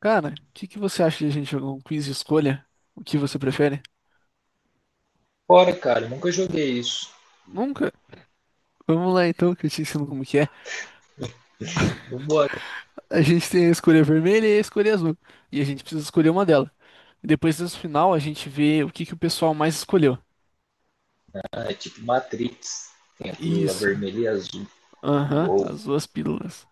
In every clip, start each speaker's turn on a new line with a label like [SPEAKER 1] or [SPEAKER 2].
[SPEAKER 1] Cara, o que que você acha de a gente jogar um quiz de escolha? O que você prefere?
[SPEAKER 2] Bora, cara, nunca joguei isso.
[SPEAKER 1] Nunca? Vamos lá então, que eu te ensino como que é.
[SPEAKER 2] Vambora,
[SPEAKER 1] A gente tem a escolha vermelha e a escolha azul. E a gente precisa escolher uma delas. E depois no final a gente vê o que que o pessoal mais escolheu.
[SPEAKER 2] né? É tipo Matrix. Tem a pílula
[SPEAKER 1] Isso.
[SPEAKER 2] vermelha e azul.
[SPEAKER 1] Aham,
[SPEAKER 2] Uou,
[SPEAKER 1] as duas pílulas.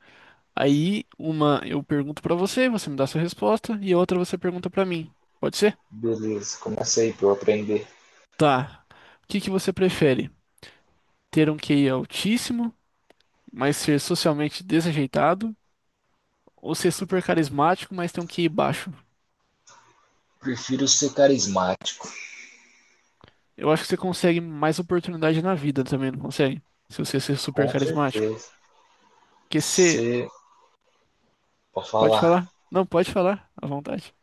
[SPEAKER 1] Aí uma eu pergunto pra você, você me dá sua resposta, e a outra você pergunta pra mim. Pode ser?
[SPEAKER 2] beleza, começa aí pra eu aprender.
[SPEAKER 1] Tá. O que que você prefere? Ter um QI altíssimo, mas ser socialmente desajeitado? Ou ser super carismático, mas ter um QI baixo.
[SPEAKER 2] Prefiro ser carismático,
[SPEAKER 1] Eu acho que você consegue mais oportunidade na vida também, não consegue? Se você ser super
[SPEAKER 2] com
[SPEAKER 1] carismático.
[SPEAKER 2] certeza.
[SPEAKER 1] Porque se.
[SPEAKER 2] Ser, pra
[SPEAKER 1] Pode
[SPEAKER 2] falar,
[SPEAKER 1] falar? Não, pode falar, à vontade.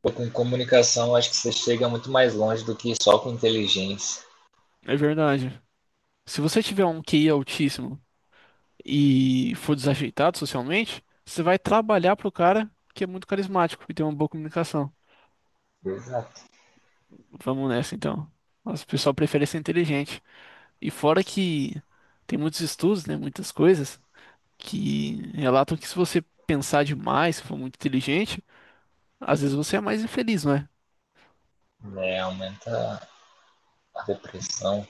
[SPEAKER 2] pô, com comunicação acho que você chega muito mais longe do que só com inteligência.
[SPEAKER 1] É verdade. Se você tiver um QI altíssimo e for desajeitado socialmente, você vai trabalhar pro cara que é muito carismático e tem uma boa comunicação.
[SPEAKER 2] Exato.
[SPEAKER 1] Vamos nessa, então. Mas o pessoal prefere ser inteligente. E fora que tem muitos estudos, né? Muitas coisas que relatam que se você pensar demais, se for muito inteligente, às vezes você é mais infeliz, não é?
[SPEAKER 2] Né, aumenta a depressão,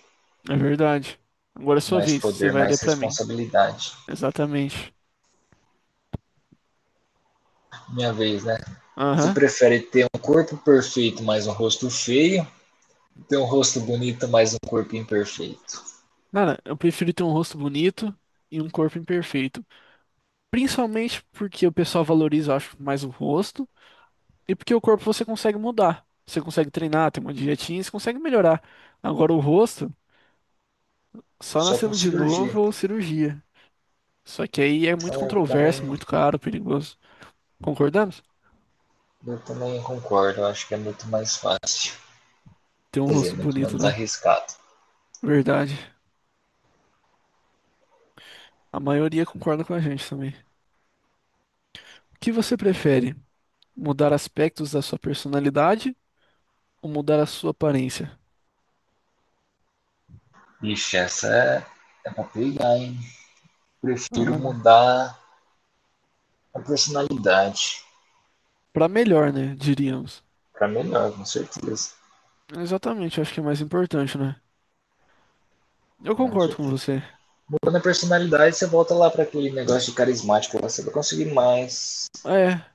[SPEAKER 1] É verdade. Agora é sua
[SPEAKER 2] mais
[SPEAKER 1] vez, você
[SPEAKER 2] poder,
[SPEAKER 1] vai ler
[SPEAKER 2] mais
[SPEAKER 1] pra mim.
[SPEAKER 2] responsabilidade.
[SPEAKER 1] Exatamente.
[SPEAKER 2] Minha vez, né? Você
[SPEAKER 1] Aham.
[SPEAKER 2] prefere ter um corpo perfeito, mas um rosto feio? Ter um rosto bonito, mas um corpo imperfeito.
[SPEAKER 1] Cara, eu prefiro ter um rosto bonito e um corpo imperfeito. Principalmente porque o pessoal valoriza, eu acho, mais o rosto e porque o corpo você consegue mudar. Você consegue treinar, tem uma dietinha, você consegue melhorar. Agora o rosto, só
[SPEAKER 2] Só
[SPEAKER 1] nascendo
[SPEAKER 2] com
[SPEAKER 1] de
[SPEAKER 2] cirurgia.
[SPEAKER 1] novo ou cirurgia. Só que aí é
[SPEAKER 2] Então
[SPEAKER 1] muito controverso, muito caro, perigoso. Concordamos?
[SPEAKER 2] eu também concordo. Eu acho que é muito mais fácil.
[SPEAKER 1] Tem um
[SPEAKER 2] Quer
[SPEAKER 1] rosto
[SPEAKER 2] dizer, muito
[SPEAKER 1] bonito,
[SPEAKER 2] menos
[SPEAKER 1] né?
[SPEAKER 2] arriscado.
[SPEAKER 1] Verdade. A maioria concorda com a gente também. O que você prefere? Mudar aspectos da sua personalidade ou mudar a sua aparência?
[SPEAKER 2] Ixi, essa é, é pra pegar, hein? Prefiro
[SPEAKER 1] Ah,
[SPEAKER 2] mudar a personalidade.
[SPEAKER 1] para melhor, né? Diríamos.
[SPEAKER 2] Pra melhor, com certeza.
[SPEAKER 1] Exatamente, acho que é mais importante, né? Eu
[SPEAKER 2] Com
[SPEAKER 1] concordo com
[SPEAKER 2] certeza.
[SPEAKER 1] você.
[SPEAKER 2] Mudando a personalidade, você volta lá pra aquele negócio de carismático. Você vai conseguir mais,
[SPEAKER 1] É,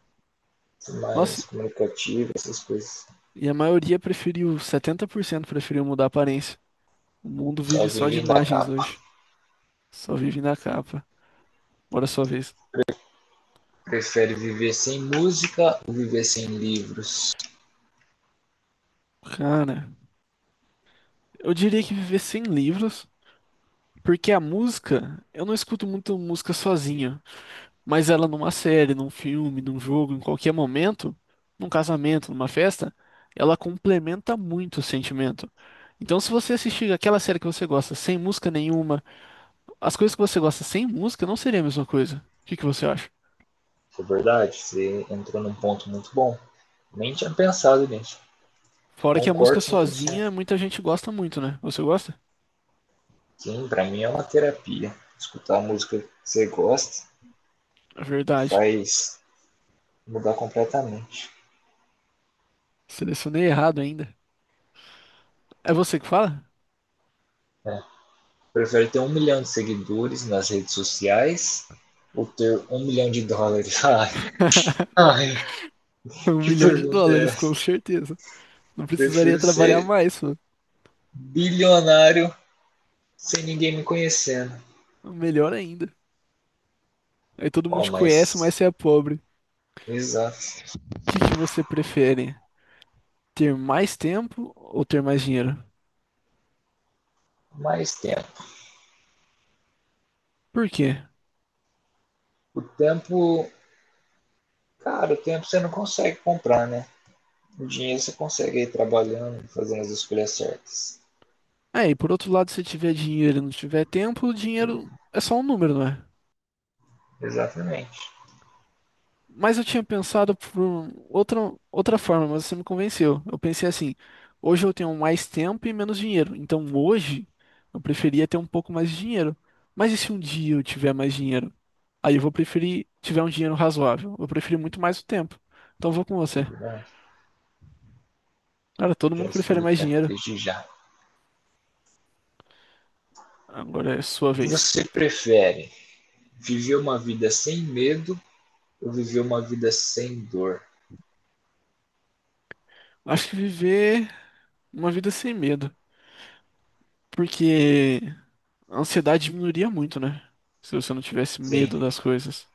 [SPEAKER 1] nossa,
[SPEAKER 2] mais comunicativo, essas coisas.
[SPEAKER 1] e a maioria preferiu, 70% preferiu mudar a aparência. O mundo
[SPEAKER 2] Só
[SPEAKER 1] vive só de
[SPEAKER 2] vivem da
[SPEAKER 1] imagens
[SPEAKER 2] capa.
[SPEAKER 1] hoje. Só vive na capa. Bora sua vez.
[SPEAKER 2] Prefere viver sem música ou viver sem livros?
[SPEAKER 1] Cara, eu diria que viver sem livros. Porque a música, eu não escuto muito música sozinha, mas ela numa série, num filme, num jogo, em qualquer momento, num casamento, numa festa, ela complementa muito o sentimento. Então, se você assistir aquela série que você gosta sem música nenhuma, as coisas que você gosta sem música não seria a mesma coisa. O que que você acha?
[SPEAKER 2] É verdade, você entrou num ponto muito bom. Nem tinha pensado nisso.
[SPEAKER 1] Fora que a música
[SPEAKER 2] Concordo 100%.
[SPEAKER 1] sozinha, muita gente gosta muito, né? Você gosta?
[SPEAKER 2] Sim, para mim é uma terapia. Escutar a música que você gosta
[SPEAKER 1] É verdade.
[SPEAKER 2] faz mudar completamente.
[SPEAKER 1] Selecionei errado ainda. É você que fala?
[SPEAKER 2] É. Prefere ter 1 milhão de seguidores nas redes sociais ou ter 1 milhão de dólares? Ai, ai,
[SPEAKER 1] Um
[SPEAKER 2] que
[SPEAKER 1] milhão de
[SPEAKER 2] pergunta é
[SPEAKER 1] dólares,
[SPEAKER 2] essa?
[SPEAKER 1] com certeza. Não precisaria
[SPEAKER 2] Prefiro
[SPEAKER 1] trabalhar
[SPEAKER 2] ser
[SPEAKER 1] mais.
[SPEAKER 2] bilionário sem ninguém me conhecendo.
[SPEAKER 1] Melhor ainda. Aí todo mundo
[SPEAKER 2] Bom,
[SPEAKER 1] te conhece, mas
[SPEAKER 2] mas
[SPEAKER 1] você é pobre. O
[SPEAKER 2] exato.
[SPEAKER 1] que que você prefere? Ter mais tempo ou ter mais dinheiro?
[SPEAKER 2] Mais tempo.
[SPEAKER 1] Por quê?
[SPEAKER 2] O tempo, cara, o tempo você não consegue comprar, né? O dinheiro você consegue ir trabalhando, fazendo as escolhas certas.
[SPEAKER 1] Aí, por outro lado, se tiver dinheiro e não tiver tempo, o dinheiro é só um número, não é?
[SPEAKER 2] Exatamente.
[SPEAKER 1] Mas eu tinha pensado por outra forma, mas você me convenceu. Eu pensei assim, hoje eu tenho mais tempo e menos dinheiro. Então hoje eu preferia ter um pouco mais de dinheiro. Mas e se um dia eu tiver mais dinheiro? Aí eu vou preferir tiver um dinheiro razoável. Eu prefiro muito mais o tempo. Então eu vou com você. Cara, todo
[SPEAKER 2] Já
[SPEAKER 1] mundo prefere
[SPEAKER 2] escolhi o
[SPEAKER 1] mais
[SPEAKER 2] tempo
[SPEAKER 1] dinheiro.
[SPEAKER 2] desde já.
[SPEAKER 1] Agora é sua vez.
[SPEAKER 2] Você prefere viver uma vida sem medo ou viver uma vida sem dor?
[SPEAKER 1] Acho que viver uma vida sem medo. Porque a ansiedade diminuiria muito, né? Se você não tivesse
[SPEAKER 2] Sim,
[SPEAKER 1] medo das coisas.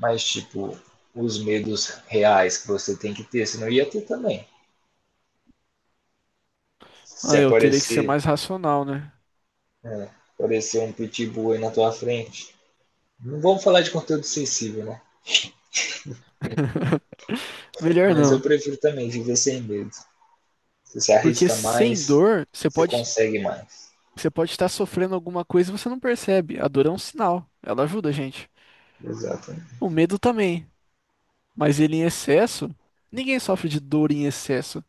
[SPEAKER 2] mas tipo, os medos reais que você tem que ter, senão ia ter também.
[SPEAKER 1] Ah,
[SPEAKER 2] Se
[SPEAKER 1] eu teria que ser
[SPEAKER 2] aparecer,
[SPEAKER 1] mais racional, né?
[SPEAKER 2] é, aparecer um pitbull aí na tua frente. Não vamos falar de conteúdo sensível, né?
[SPEAKER 1] Melhor
[SPEAKER 2] Mas eu
[SPEAKER 1] não.
[SPEAKER 2] prefiro também viver sem medo. Você se
[SPEAKER 1] Porque
[SPEAKER 2] arrisca
[SPEAKER 1] sem
[SPEAKER 2] mais,
[SPEAKER 1] dor,
[SPEAKER 2] você consegue mais.
[SPEAKER 1] você pode estar sofrendo alguma coisa e você não percebe. A dor é um sinal. Ela ajuda a gente.
[SPEAKER 2] Exato.
[SPEAKER 1] O medo também. Mas ele em excesso. Ninguém sofre de dor em excesso.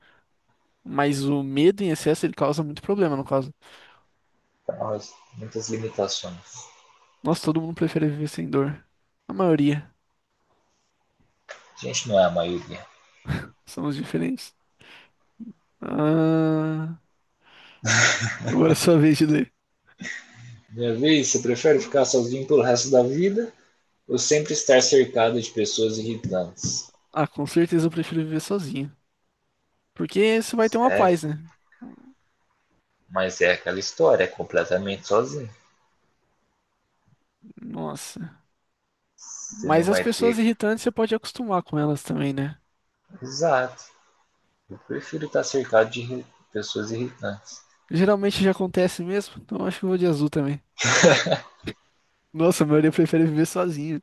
[SPEAKER 1] Mas o medo em excesso, ele causa muito problema, no caso.
[SPEAKER 2] Então, muitas limitações.
[SPEAKER 1] Nossa, todo mundo prefere viver sem dor. A maioria
[SPEAKER 2] A gente não é a maioria.
[SPEAKER 1] são os diferentes. Ah, agora é sua vez de ler.
[SPEAKER 2] Minha vez, você prefere ficar sozinho pelo resto da vida ou sempre estar cercado de pessoas irritantes?
[SPEAKER 1] Ah, com certeza eu prefiro viver sozinho. Porque você vai ter uma
[SPEAKER 2] É,
[SPEAKER 1] paz, né?
[SPEAKER 2] mas é aquela história, é completamente sozinho.
[SPEAKER 1] Nossa.
[SPEAKER 2] Você
[SPEAKER 1] Mas
[SPEAKER 2] não
[SPEAKER 1] as
[SPEAKER 2] vai
[SPEAKER 1] pessoas
[SPEAKER 2] ter.
[SPEAKER 1] irritantes você pode acostumar com elas também, né?
[SPEAKER 2] Exato. Eu prefiro estar cercado de pessoas irritantes.
[SPEAKER 1] Geralmente já acontece mesmo, então eu acho que eu vou de azul também. Nossa, a maioria prefere viver sozinho.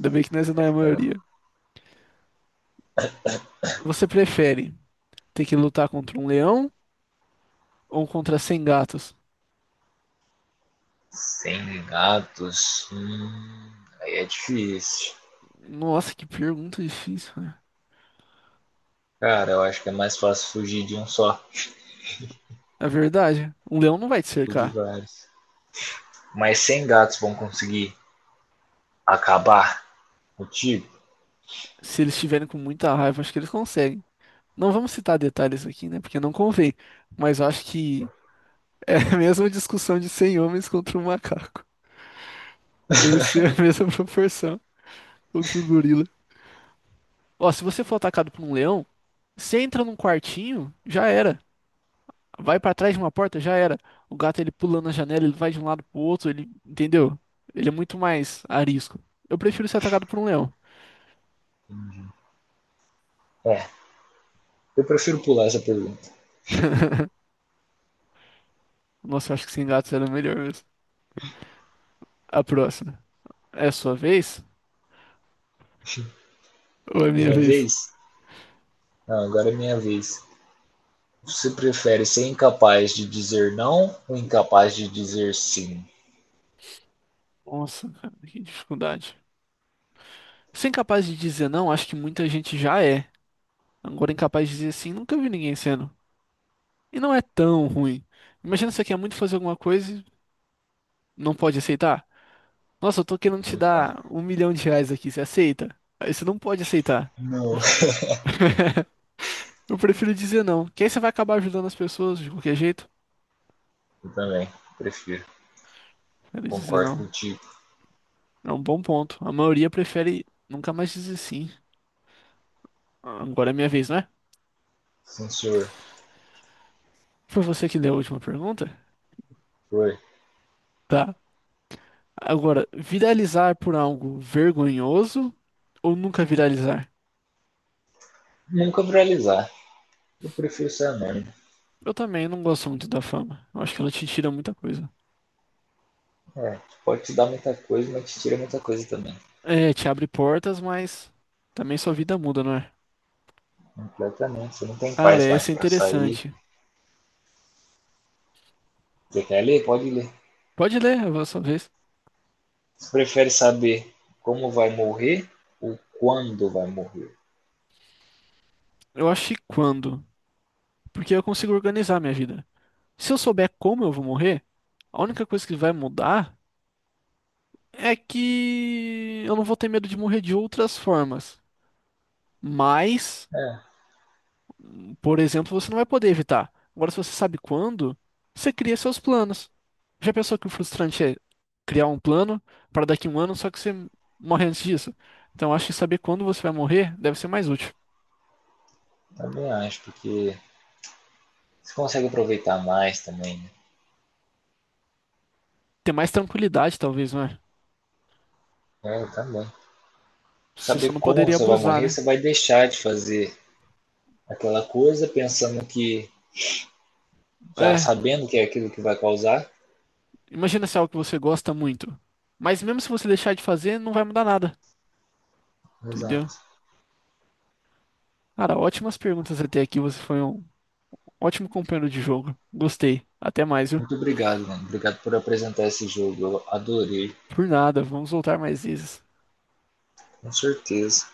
[SPEAKER 1] Ainda bem que nós não é a maioria. Você prefere ter que lutar contra um leão ou contra 100 gatos?
[SPEAKER 2] Sem gatos. Aí é difícil.
[SPEAKER 1] Nossa, que pergunta difícil, né?
[SPEAKER 2] Cara, eu acho que é mais fácil fugir de um só
[SPEAKER 1] É verdade. Um leão não vai te
[SPEAKER 2] que de
[SPEAKER 1] cercar.
[SPEAKER 2] vários. Mas 100 gatos vão conseguir acabar contigo?
[SPEAKER 1] Se eles estiverem com muita raiva, acho que eles conseguem. Não vamos citar detalhes aqui, né? Porque não convém. Mas eu acho que é a mesma discussão de 100 homens contra um macaco. Deve ser a mesma proporção contra um gorila. Ó, se você for atacado por um leão, você entra num quartinho, já era. Vai pra trás de uma porta, já era. O gato ele pula na janela, ele vai de um lado pro outro, ele, entendeu? Ele é muito mais arisco. Eu prefiro ser atacado por um leão.
[SPEAKER 2] É. Eu prefiro pular essa pergunta.
[SPEAKER 1] Nossa, eu acho que sem gatos era melhor mesmo. A próxima. É a sua vez? Ou é minha
[SPEAKER 2] Minha
[SPEAKER 1] vez?
[SPEAKER 2] vez? Não, agora é minha vez. Você prefere ser incapaz de dizer não ou incapaz de dizer sim?
[SPEAKER 1] Nossa, cara, que dificuldade. Ser incapaz de dizer não, acho que muita gente já é. Agora, incapaz de dizer sim, nunca vi ninguém sendo. E não é tão ruim. Imagina você quer muito fazer alguma coisa e não pode aceitar. Nossa, eu tô querendo te
[SPEAKER 2] Então,
[SPEAKER 1] dar R$ 1 milhão aqui, você aceita? Aí você não pode aceitar.
[SPEAKER 2] não.
[SPEAKER 1] Eu prefiro dizer não, que aí você vai acabar ajudando as pessoas de qualquer jeito.
[SPEAKER 2] Eu também prefiro.
[SPEAKER 1] Prefiro dizer
[SPEAKER 2] Concordo
[SPEAKER 1] não.
[SPEAKER 2] contigo.
[SPEAKER 1] É um bom ponto. A maioria prefere nunca mais dizer sim. Agora é minha vez, não é?
[SPEAKER 2] Sim, senhor.
[SPEAKER 1] Foi você que deu a última pergunta?
[SPEAKER 2] Foi.
[SPEAKER 1] Tá. Agora, viralizar por algo vergonhoso ou nunca viralizar?
[SPEAKER 2] Nunca viralizar. Eu prefiro ser anônimo.
[SPEAKER 1] Eu também não gosto muito da fama. Eu acho que ela te tira muita coisa.
[SPEAKER 2] É, pode te dar muita coisa, mas te tira muita coisa também.
[SPEAKER 1] É, te abre portas, mas também sua vida muda, não é?
[SPEAKER 2] Completamente. Você não tem
[SPEAKER 1] Cara,
[SPEAKER 2] paz
[SPEAKER 1] essa
[SPEAKER 2] mais
[SPEAKER 1] é
[SPEAKER 2] para sair.
[SPEAKER 1] interessante.
[SPEAKER 2] Você quer ler? Pode ler.
[SPEAKER 1] Pode ler, a sua vez.
[SPEAKER 2] Você prefere saber como vai morrer ou quando vai morrer?
[SPEAKER 1] Eu acho que quando? Porque eu consigo organizar minha vida. Se eu souber como eu vou morrer, a única coisa que vai mudar é que eu não vou ter medo de morrer de outras formas. Mas.
[SPEAKER 2] É,
[SPEAKER 1] Por exemplo, você não vai poder evitar. Agora, se você sabe quando, você cria seus planos. Já pensou que o frustrante é criar um plano para daqui a um ano, só que você morre antes disso? Então, eu acho que saber quando você vai morrer deve ser mais útil.
[SPEAKER 2] também acho, porque você consegue aproveitar mais também, né?
[SPEAKER 1] Ter mais tranquilidade, talvez, não é?
[SPEAKER 2] É, também.
[SPEAKER 1] Você
[SPEAKER 2] Saber
[SPEAKER 1] só não
[SPEAKER 2] como
[SPEAKER 1] poderia
[SPEAKER 2] você vai
[SPEAKER 1] abusar,
[SPEAKER 2] morrer,
[SPEAKER 1] né?
[SPEAKER 2] você vai deixar de fazer aquela coisa pensando que, já
[SPEAKER 1] É,
[SPEAKER 2] sabendo que é aquilo que vai causar.
[SPEAKER 1] imagina se é algo que você gosta muito. Mas mesmo se você deixar de fazer, não vai mudar nada, entendeu?
[SPEAKER 2] Exato.
[SPEAKER 1] Cara, ótimas perguntas até aqui. Você foi um ótimo companheiro de jogo. Gostei. Até mais, viu?
[SPEAKER 2] Muito obrigado, mano. Obrigado por apresentar esse jogo. Eu adorei,
[SPEAKER 1] Por nada, vamos voltar mais vezes.
[SPEAKER 2] com certeza.